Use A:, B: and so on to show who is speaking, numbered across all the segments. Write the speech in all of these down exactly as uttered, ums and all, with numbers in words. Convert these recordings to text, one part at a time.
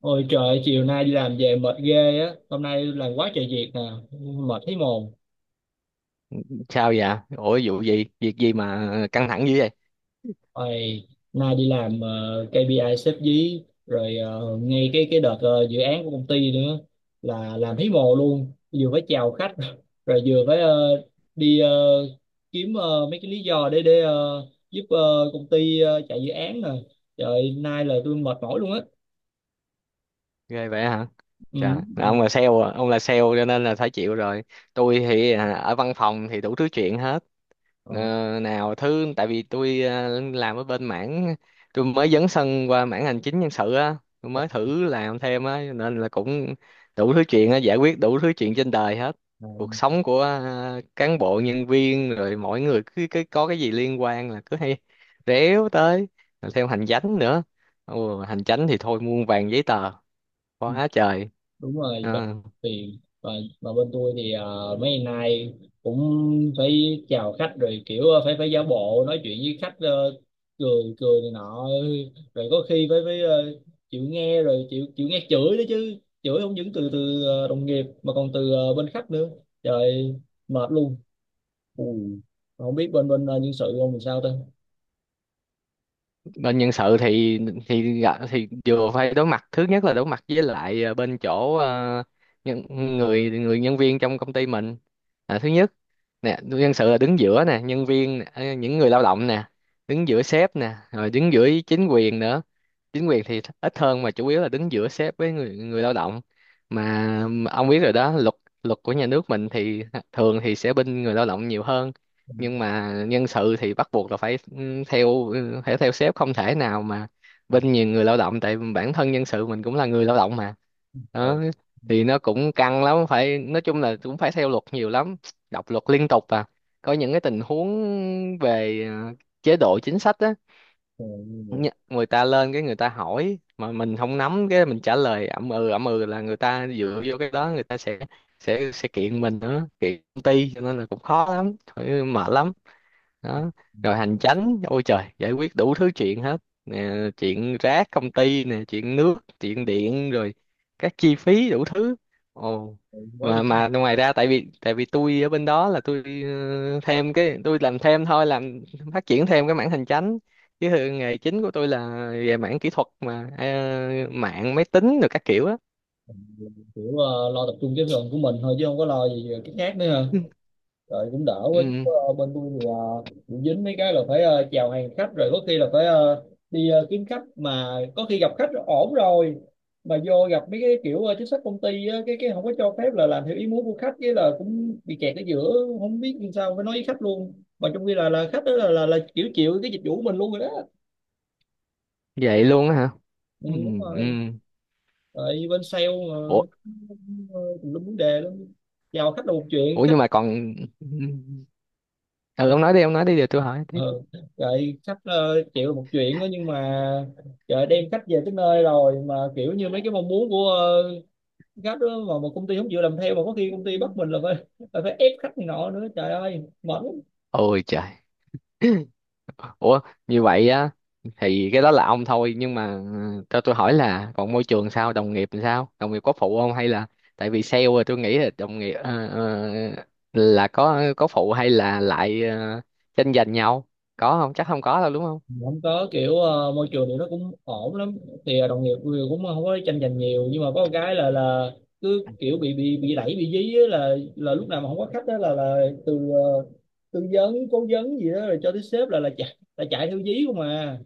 A: Ôi trời, chiều nay đi làm về mệt ghê á. Hôm nay làm quá trời việc nè. Mệt thấy mồm.
B: Sao vậy? Ủa, vụ gì việc gì mà căng thẳng dữ vậy?
A: Ôi, nay đi làm ờ, kê pi ai xếp dí. Rồi ờ, ngay cái cái đợt ờ, dự án của công ty nữa. Là làm thấy mồ luôn. Vừa phải chào khách Rồi vừa phải ờ, đi ờ, kiếm ờ, mấy cái lý do để để ờ, giúp ờ, công ty ờ, chạy dự án nè. Trời, nay là tôi mệt mỏi luôn á.
B: Ghê vậy hả?
A: Ừ.
B: Trời, là ông là sale à? Ông là sale cho nên là phải chịu rồi. Tôi thì à, ở văn phòng thì đủ thứ chuyện hết.
A: Ờ,
B: Ờ, nào thứ, tại vì tôi ờ, làm ở bên mảng, tôi mới dấn sân qua mảng hành chính nhân sự á. Tôi mới thử làm thêm á, nên là cũng đủ thứ chuyện á, giải quyết đủ thứ chuyện trên đời hết.
A: ờ.
B: Cuộc sống của ờ, cán bộ nhân viên, rồi mỗi người cứ, cứ có cái gì liên quan là cứ hay réo tới. Rồi thêm hành chánh nữa. Ồ, hành chánh thì thôi muôn vàn giấy tờ, quá trời.
A: Đúng rồi, chuẩn.
B: Ờ.
A: Tiền và và bên tôi thì ờ, mấy ngày nay cũng phải chào khách rồi, kiểu à, phải phải giả bộ nói chuyện với khách ờ, cười cười này nọ. Rồi có khi phải phải ờ, chịu nghe, rồi chịu chịu nghe chửi đó chứ, chửi không những từ từ ờ, đồng nghiệp mà còn từ ờ, bên khách nữa. Trời, mệt luôn. Ui, không biết bên bên ờ, nhân sự ông làm sao ta.
B: Bên nhân sự thì thì thì vừa phải đối mặt, thứ nhất là đối mặt với lại ờ, bên chỗ ờ, nhân, người người nhân viên trong công ty mình, là thứ nhất. Nè, nhân sự là đứng giữa nè, nhân viên nè, ờ, những người lao động nè, đứng giữa sếp nè, rồi đứng giữa chính quyền nữa. Chính quyền thì ít hơn, mà chủ yếu là đứng giữa sếp với người người lao động. Mà ông biết rồi đó, luật luật của nhà nước mình thì thường thì sẽ bên người lao động nhiều hơn.
A: Ừ.
B: Nhưng mà nhân sự thì bắt buộc là phải ừ, theo ừ, phải theo sếp, không thể nào mà bên nhiều người lao động, tại bản thân nhân sự mình cũng là người lao động mà.
A: Ừ.
B: Đó, thì nó cũng căng lắm, phải nói chung là cũng phải theo luật nhiều lắm, đọc luật liên tục à. Có những cái tình huống về ờ, chế độ chính sách á.
A: Ừ.
B: Nhá, người ta lên cái người ta hỏi mà mình không nắm, cái mình trả lời ậm ừ ậm ừ là người ta dựa vô cái đó, người ta sẽ sẽ sẽ kiện mình nữa, kiện công ty, cho nên là cũng khó lắm, thôi mệt lắm. Đó, rồi hành chánh ôi trời, giải quyết đủ thứ chuyện hết. Nè, chuyện rác công ty nè, chuyện nước chuyện điện, rồi các chi phí đủ thứ. Ồ,
A: Ừ. Quá trời.
B: mà mà ngoài ra tại vì tại vì tôi ở bên đó là tôi ờ, thêm cái, tôi làm thêm thôi, làm phát triển thêm cái mảng hành chánh, chứ thường nghề chính của tôi là về mảng kỹ thuật mà, ờ, mạng máy tính rồi các kiểu á.
A: Kiểu ờ, lo tập trung cái phần của mình thôi chứ không có lo gì cái khác nữa ha.
B: Ừ,
A: Rồi cũng đỡ quá
B: ừ,
A: chứ ờ, bên tôi thì ờ, bị dính mấy cái là phải ờ, chào hàng khách, rồi có khi là phải ờ, đi ờ, kiếm khách, mà có khi gặp khách ổn rồi, mà vô gặp mấy cái kiểu ờ, chính sách công ty á, cái cái không có cho phép là làm theo ý muốn của khách, cái là cũng bị kẹt ở giữa. Không biết làm sao, phải nói với khách luôn, mà trong khi là là khách đó là là, là kiểu chịu cái dịch vụ của mình luôn rồi đó.
B: vậy luôn á hả?
A: Ừ,
B: Ừ,
A: đúng
B: ừ.
A: rồi. Tại bên sale mà,
B: Ủa,
A: cũng ờ, tùm lum vấn đề lắm. Chào khách là một chuyện
B: ủa,
A: khách.
B: nhưng mà còn, ừ, ừ. Ừ, ông nói đi, ông nói đi, để tôi hỏi.
A: Ừ. Vậy khách ờ, chịu một chuyện đó, nhưng mà trời, đem khách về tới nơi rồi mà kiểu như mấy cái mong muốn của ờ, khách đó mà một công ty không chịu làm theo, mà có khi công ty bắt mình là phải là phải ép khách này nọ nữa, trời ơi mệt lắm.
B: Ôi trời. Ủa, như vậy á? Thì cái đó là ông thôi, nhưng mà ừ, cho tôi hỏi là còn môi trường sao, đồng nghiệp làm sao, đồng nghiệp có phụ không hay là tại vì sale rồi tôi nghĩ là đồng nghiệp ờ, ờ, là có có phụ hay là lại ờ, tranh giành nhau? Có không? Chắc không có đâu, đúng không?
A: Không có, kiểu ờ, môi trường thì nó cũng ổn lắm, thì ờ, đồng nghiệp thì cũng không có tranh giành nhiều, nhưng mà có một cái là là cứ kiểu bị bị bị đẩy bị dí á, là là lúc nào mà không có khách đó là là từ ờ, tư vấn cố vấn gì đó rồi cho tới sếp là là chạy là chạy theo dí không à,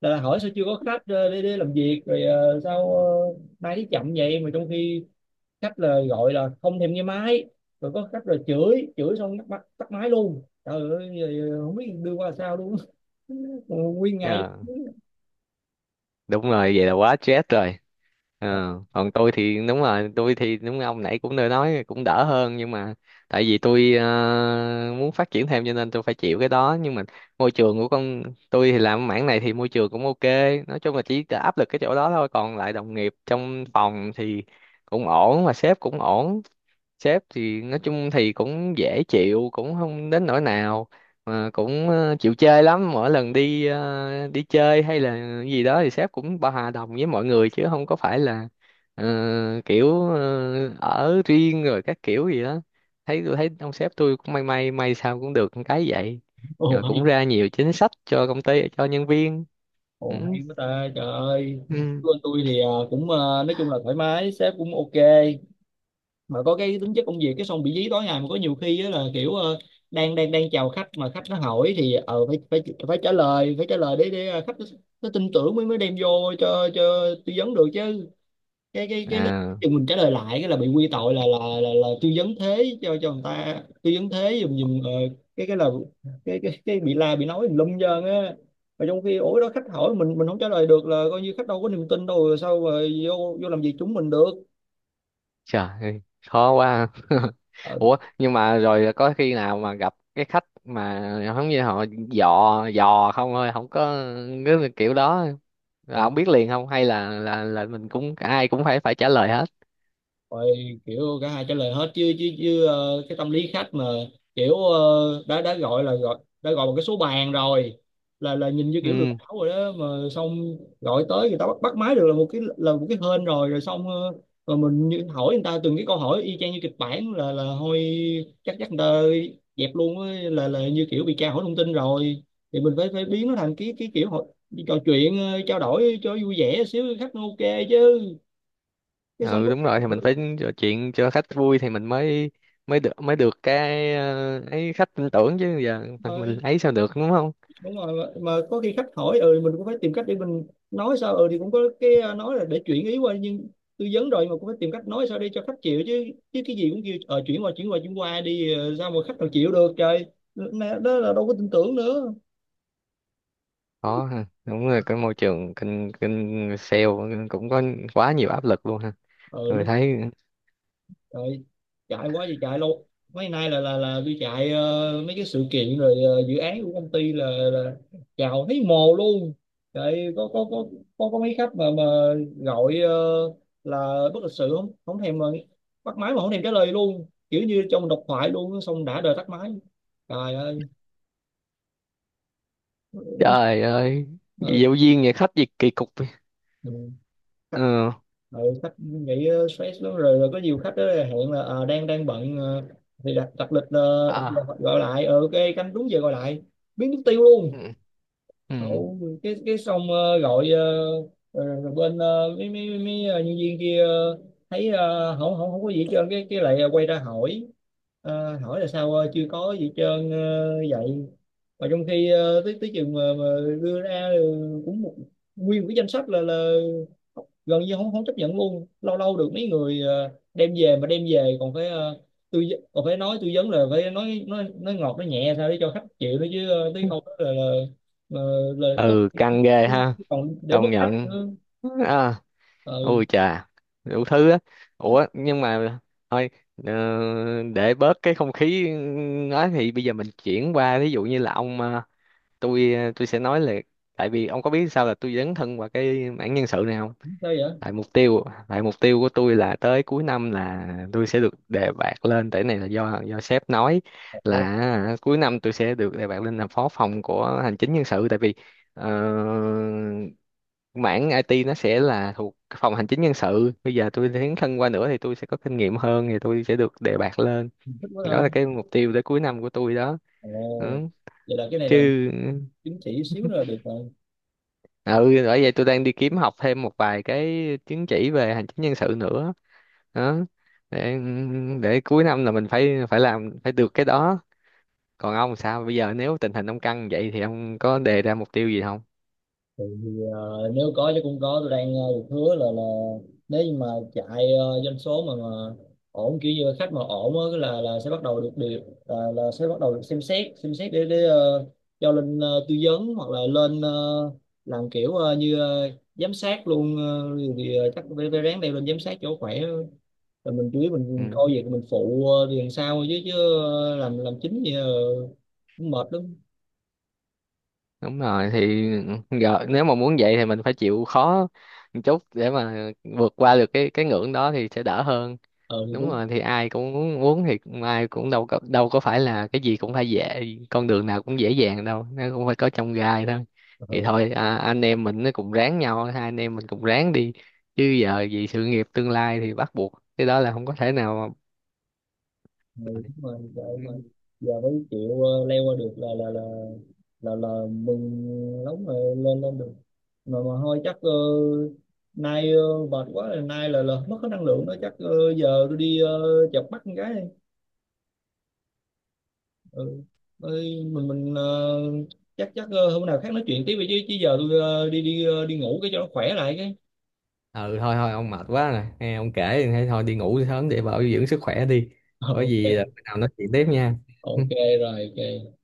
A: là, là hỏi sao chưa có khách ờ, để, để làm việc, rồi ờ, sao ờ, máy đi chậm vậy, mà trong khi khách là gọi là không thèm nghe máy, rồi có khách là chửi chửi xong tắt, máy- tắt máy luôn, trời ơi giờ không biết đưa qua sao luôn nguyên ngày.
B: Ờ, đúng rồi, vậy là quá stress rồi. Ờ, Còn tôi thì đúng rồi, tôi thì đúng như ông nãy cũng đã nói, cũng đỡ hơn. Nhưng mà tại vì tôi ờ, muốn phát triển thêm cho nên tôi phải chịu cái đó. Nhưng mà môi trường của con tôi thì làm mảng này thì môi trường cũng ok, nói chung là chỉ áp lực cái chỗ đó thôi, còn lại đồng nghiệp trong phòng thì cũng ổn, mà sếp cũng ổn. Sếp thì nói chung thì cũng dễ chịu, cũng không đến nỗi nào, mà cũng ờ, chịu chơi lắm, mỗi lần đi ờ, đi chơi hay là gì đó thì sếp cũng bao, hòa đồng với mọi người, chứ không có phải là ờ, kiểu ờ, ở riêng rồi các kiểu gì đó. Thấy, tôi thấy ông sếp tôi cũng may may may sao cũng được cái vậy.
A: Ồ
B: Rồi cũng
A: hay.
B: ra nhiều chính sách cho công ty cho nhân viên. Ừ.
A: Ồ hay quá ta, trời ơi.
B: Ừ.
A: Của anh tôi thì ờ, cũng ờ, nói chung là thoải mái, sếp cũng ok, mà có cái tính chất công việc cái xong bị dí tối ngày, mà có nhiều khi á là kiểu ờ, đang đang đang chào khách mà khách nó hỏi thì ờ phải phải phải trả lời, phải trả lời để để ờ, khách nó, nó tin tưởng mới mới đem vô cho cho tư vấn được chứ. Cái cái cái lúc
B: À.
A: mình trả lời lại cái là bị quy tội là là là, là tư vấn thế cho cho người ta, tư vấn thế dùm dùm ờ, cái cái là cái cái cái bị la bị nói lum trơn á, mà trong khi ủa đó, khách hỏi mình mình không trả lời được là coi như khách đâu có niềm tin đâu, rồi sao mà vô vô làm việc chúng mình được.
B: Trời ơi, khó quá.
A: Ờ,
B: Ủa, nhưng mà rồi có khi nào mà gặp cái khách mà giống như họ dò dò không thôi, không có cái kiểu đó, là
A: rồi
B: không biết liền không, hay là là là mình cũng, ai cũng phải phải trả lời hết.
A: rồi kiểu cả hai trả lời hết chứ chứ chứ ờ, cái tâm lý khách mà kiểu ờ, đã đã gọi là gọi đã gọi một cái số bàn rồi, là là nhìn như kiểu lừa
B: Ừ,
A: đảo rồi đó, mà xong gọi tới người ta bắt bắt máy được là một cái là một cái hên rồi rồi xong ờ, rồi mình như hỏi người ta từng cái câu hỏi y chang như kịch bản là là thôi chắc chắc người ta dẹp luôn á, là là như kiểu bị tra hỏi thông tin rồi. Thì mình phải phải biến nó thành cái cái kiểu hội- trò chuyện, ờ, trao đổi cho vui vẻ xíu khách nó ok chứ. Cái xong
B: ừ,
A: có-
B: đúng rồi, thì mình
A: ừ.
B: phải trò chuyện cho khách vui thì mình mới mới được mới được cái ờ, ấy, khách tin tưởng, chứ giờ mình
A: Rồi.
B: ấy sao được, đúng không?
A: Đúng rồi. Mà mà có khi khách hỏi ừ, mình cũng phải tìm cách để mình nói sao, ừ thì cũng có cái à, nói là để chuyển ý qua, nhưng tư vấn rồi mà cũng phải tìm cách nói sao để cho khách chịu chứ chứ cái gì cũng kêu ờ chuyển qua chuyển qua chuyển qua đi ờ, sao mà khách nào chịu được, trời. Đó là đâu có tin tưởng nữa.
B: Có ha, đúng rồi, cái môi trường kinh kinh sale cũng có quá nhiều áp lực luôn ha. Tôi
A: Ừ.
B: thấy.
A: Rồi, chạy quá thì chạy luôn. Mấy nay là là là đi chạy ờ, mấy cái sự kiện, rồi ờ, dự án của công ty là là chào thấy mồ luôn. Chạy có có có có có mấy khách mà mà gọi ờ, là bất lịch sự, không, không thèm mà, bắt máy mà không thèm trả lời luôn, kiểu như trong độc thoại luôn xong đã đời tắt máy. Trời ơi.
B: Trời ơi,
A: Ờ.
B: giáo viên nhà khách gì kỳ cục vậy?
A: Ừ.
B: Ờ,
A: Ừ, khách nghĩ ờ, stress lắm rồi, rồi có nhiều khách đó là hẹn là ờ, đang đang bận ờ, thì đặt đặt lịch, ờ, đặt, đặt
B: à,
A: gọi lại ờ ok, canh đúng giờ gọi lại biến mất tiêu luôn.
B: ừ, ừ,
A: Ủa, cái cái xong ờ, gọi ờ, rồi, rồi bên ờ, mấy mấy mấy ờ, nhân viên kia ờ, thấy ờ, không không không có gì hết trơn, cái cái lại ờ, quay ra hỏi. Ờ, hỏi là sao ờ, chưa có gì hết trơn ờ, vậy, mà trong khi ờ, tới tới chừng mà, mà đưa ra ờ, cũng một nguyên một cái danh sách là là gần như không không chấp nhận luôn. Lâu lâu được mấy người ờ, đem về, mà đem về còn phải ờ, tư vấn- còn phải nói, tư vấn là phải nói nói nói ngọt nói nhẹ sao để cho khách chịu nữa chứ ờ, tới không là, là mà lời có
B: ừ, căng ghê ha,
A: khi còn để mất
B: công
A: khách
B: nhận.
A: nữa.
B: À,
A: ờ
B: ôi chà, đủ thứ á. Ủa, nhưng mà thôi, ờ, để bớt cái không khí nói thì bây giờ mình chuyển qua, ví dụ như là ông, ờ, tôi ờ, tôi sẽ nói là, tại vì ông có biết sao là tôi dấn thân vào cái mảng nhân sự này không?
A: Sao vậy?
B: tại mục tiêu tại mục tiêu của tôi là tới cuối năm là tôi sẽ được đề bạt lên, tại cái này là do do sếp nói
A: Ồ,
B: là cuối năm tôi sẽ được đề bạt lên làm phó phòng của hành chính nhân sự, tại vì ờ, mảng i tê nó sẽ là thuộc phòng hành chính nhân sự, bây giờ tôi tiến thân qua nữa thì tôi sẽ có kinh nghiệm hơn thì tôi sẽ được đề bạt lên.
A: thích quá
B: Đó là
A: ta.
B: cái mục tiêu tới cuối năm của tôi đó.
A: Ồ,
B: Ừ.
A: vậy là cái này
B: Chứ,
A: là chứng chỉ xíu nữa là được rồi.
B: ừ, ừ, bởi vậy tôi đang đi kiếm học thêm một vài cái chứng chỉ về hành chính nhân sự nữa. Đó, để để cuối năm là mình phải phải làm, phải được cái đó. Còn ông sao, bây giờ nếu tình hình ông căng vậy thì ông có đề ra mục tiêu gì không?
A: Thì ờ, nếu có chứ cũng có, tôi đang ờ, được hứa là là nếu như mà chạy ờ, doanh số mà mà ổn, kiểu như khách mà ổn á, cái là là sẽ bắt đầu được điều, là, là sẽ bắt đầu được xem xét xem xét để để ờ, cho lên ờ, tư vấn hoặc là lên ờ, làm kiểu ờ, như ờ, giám sát luôn, ờ, thì ờ, chắc phải phải ráng đeo lên giám sát chỗ khỏe. Rồi mình chủ yếu
B: Ừ.
A: mình coi việc mình phụ ờ, thì làm sao thôi chứ chứ ờ, làm làm chính thì ờ, cũng mệt lắm.
B: Đúng rồi, thì giờ nếu mà muốn vậy thì mình phải chịu khó một chút để mà vượt qua được cái cái ngưỡng đó thì sẽ đỡ hơn.
A: Ờ thì
B: Đúng
A: đúng.
B: rồi, thì ai cũng muốn, muốn thì ai cũng đâu có đâu có phải là cái gì cũng phải dễ, con đường nào cũng dễ dàng đâu, nó cũng phải có trong gai thôi.
A: Ờ,
B: Thì
A: ừ,
B: thôi à, anh em mình nó cùng ráng nhau, hai anh em mình cùng ráng đi, chứ giờ vì sự nghiệp tương lai thì bắt buộc cái đó là không có thể nào
A: đúng
B: mà-
A: rồi. Tại giờ mới chịu ờ, leo qua được là là là là là mừng lắm rồi, lên lên được, mà mà thôi chắc ờ, nay ờ, mệt quá rồi, nay là là mất hết năng lượng đó, chắc ờ, giờ tôi đi ờ, chợp mắt con gái đi. Ừ. Ơi, mình mình ờ, chắc chắc ờ, hôm nào khác nói chuyện tiếp đi chứ chứ giờ tôi ờ, đi đi ờ, đi ngủ cái cho nó khỏe lại cái
B: Ừ, thôi thôi, ông mệt quá rồi, nghe ông kể thì thấy thôi đi ngủ sớm để bảo dưỡng sức khỏe đi.
A: Ờ,
B: Có gì ờ,
A: ok,
B: bữa nào nói chuyện tiếp nha.
A: ok rồi, ok.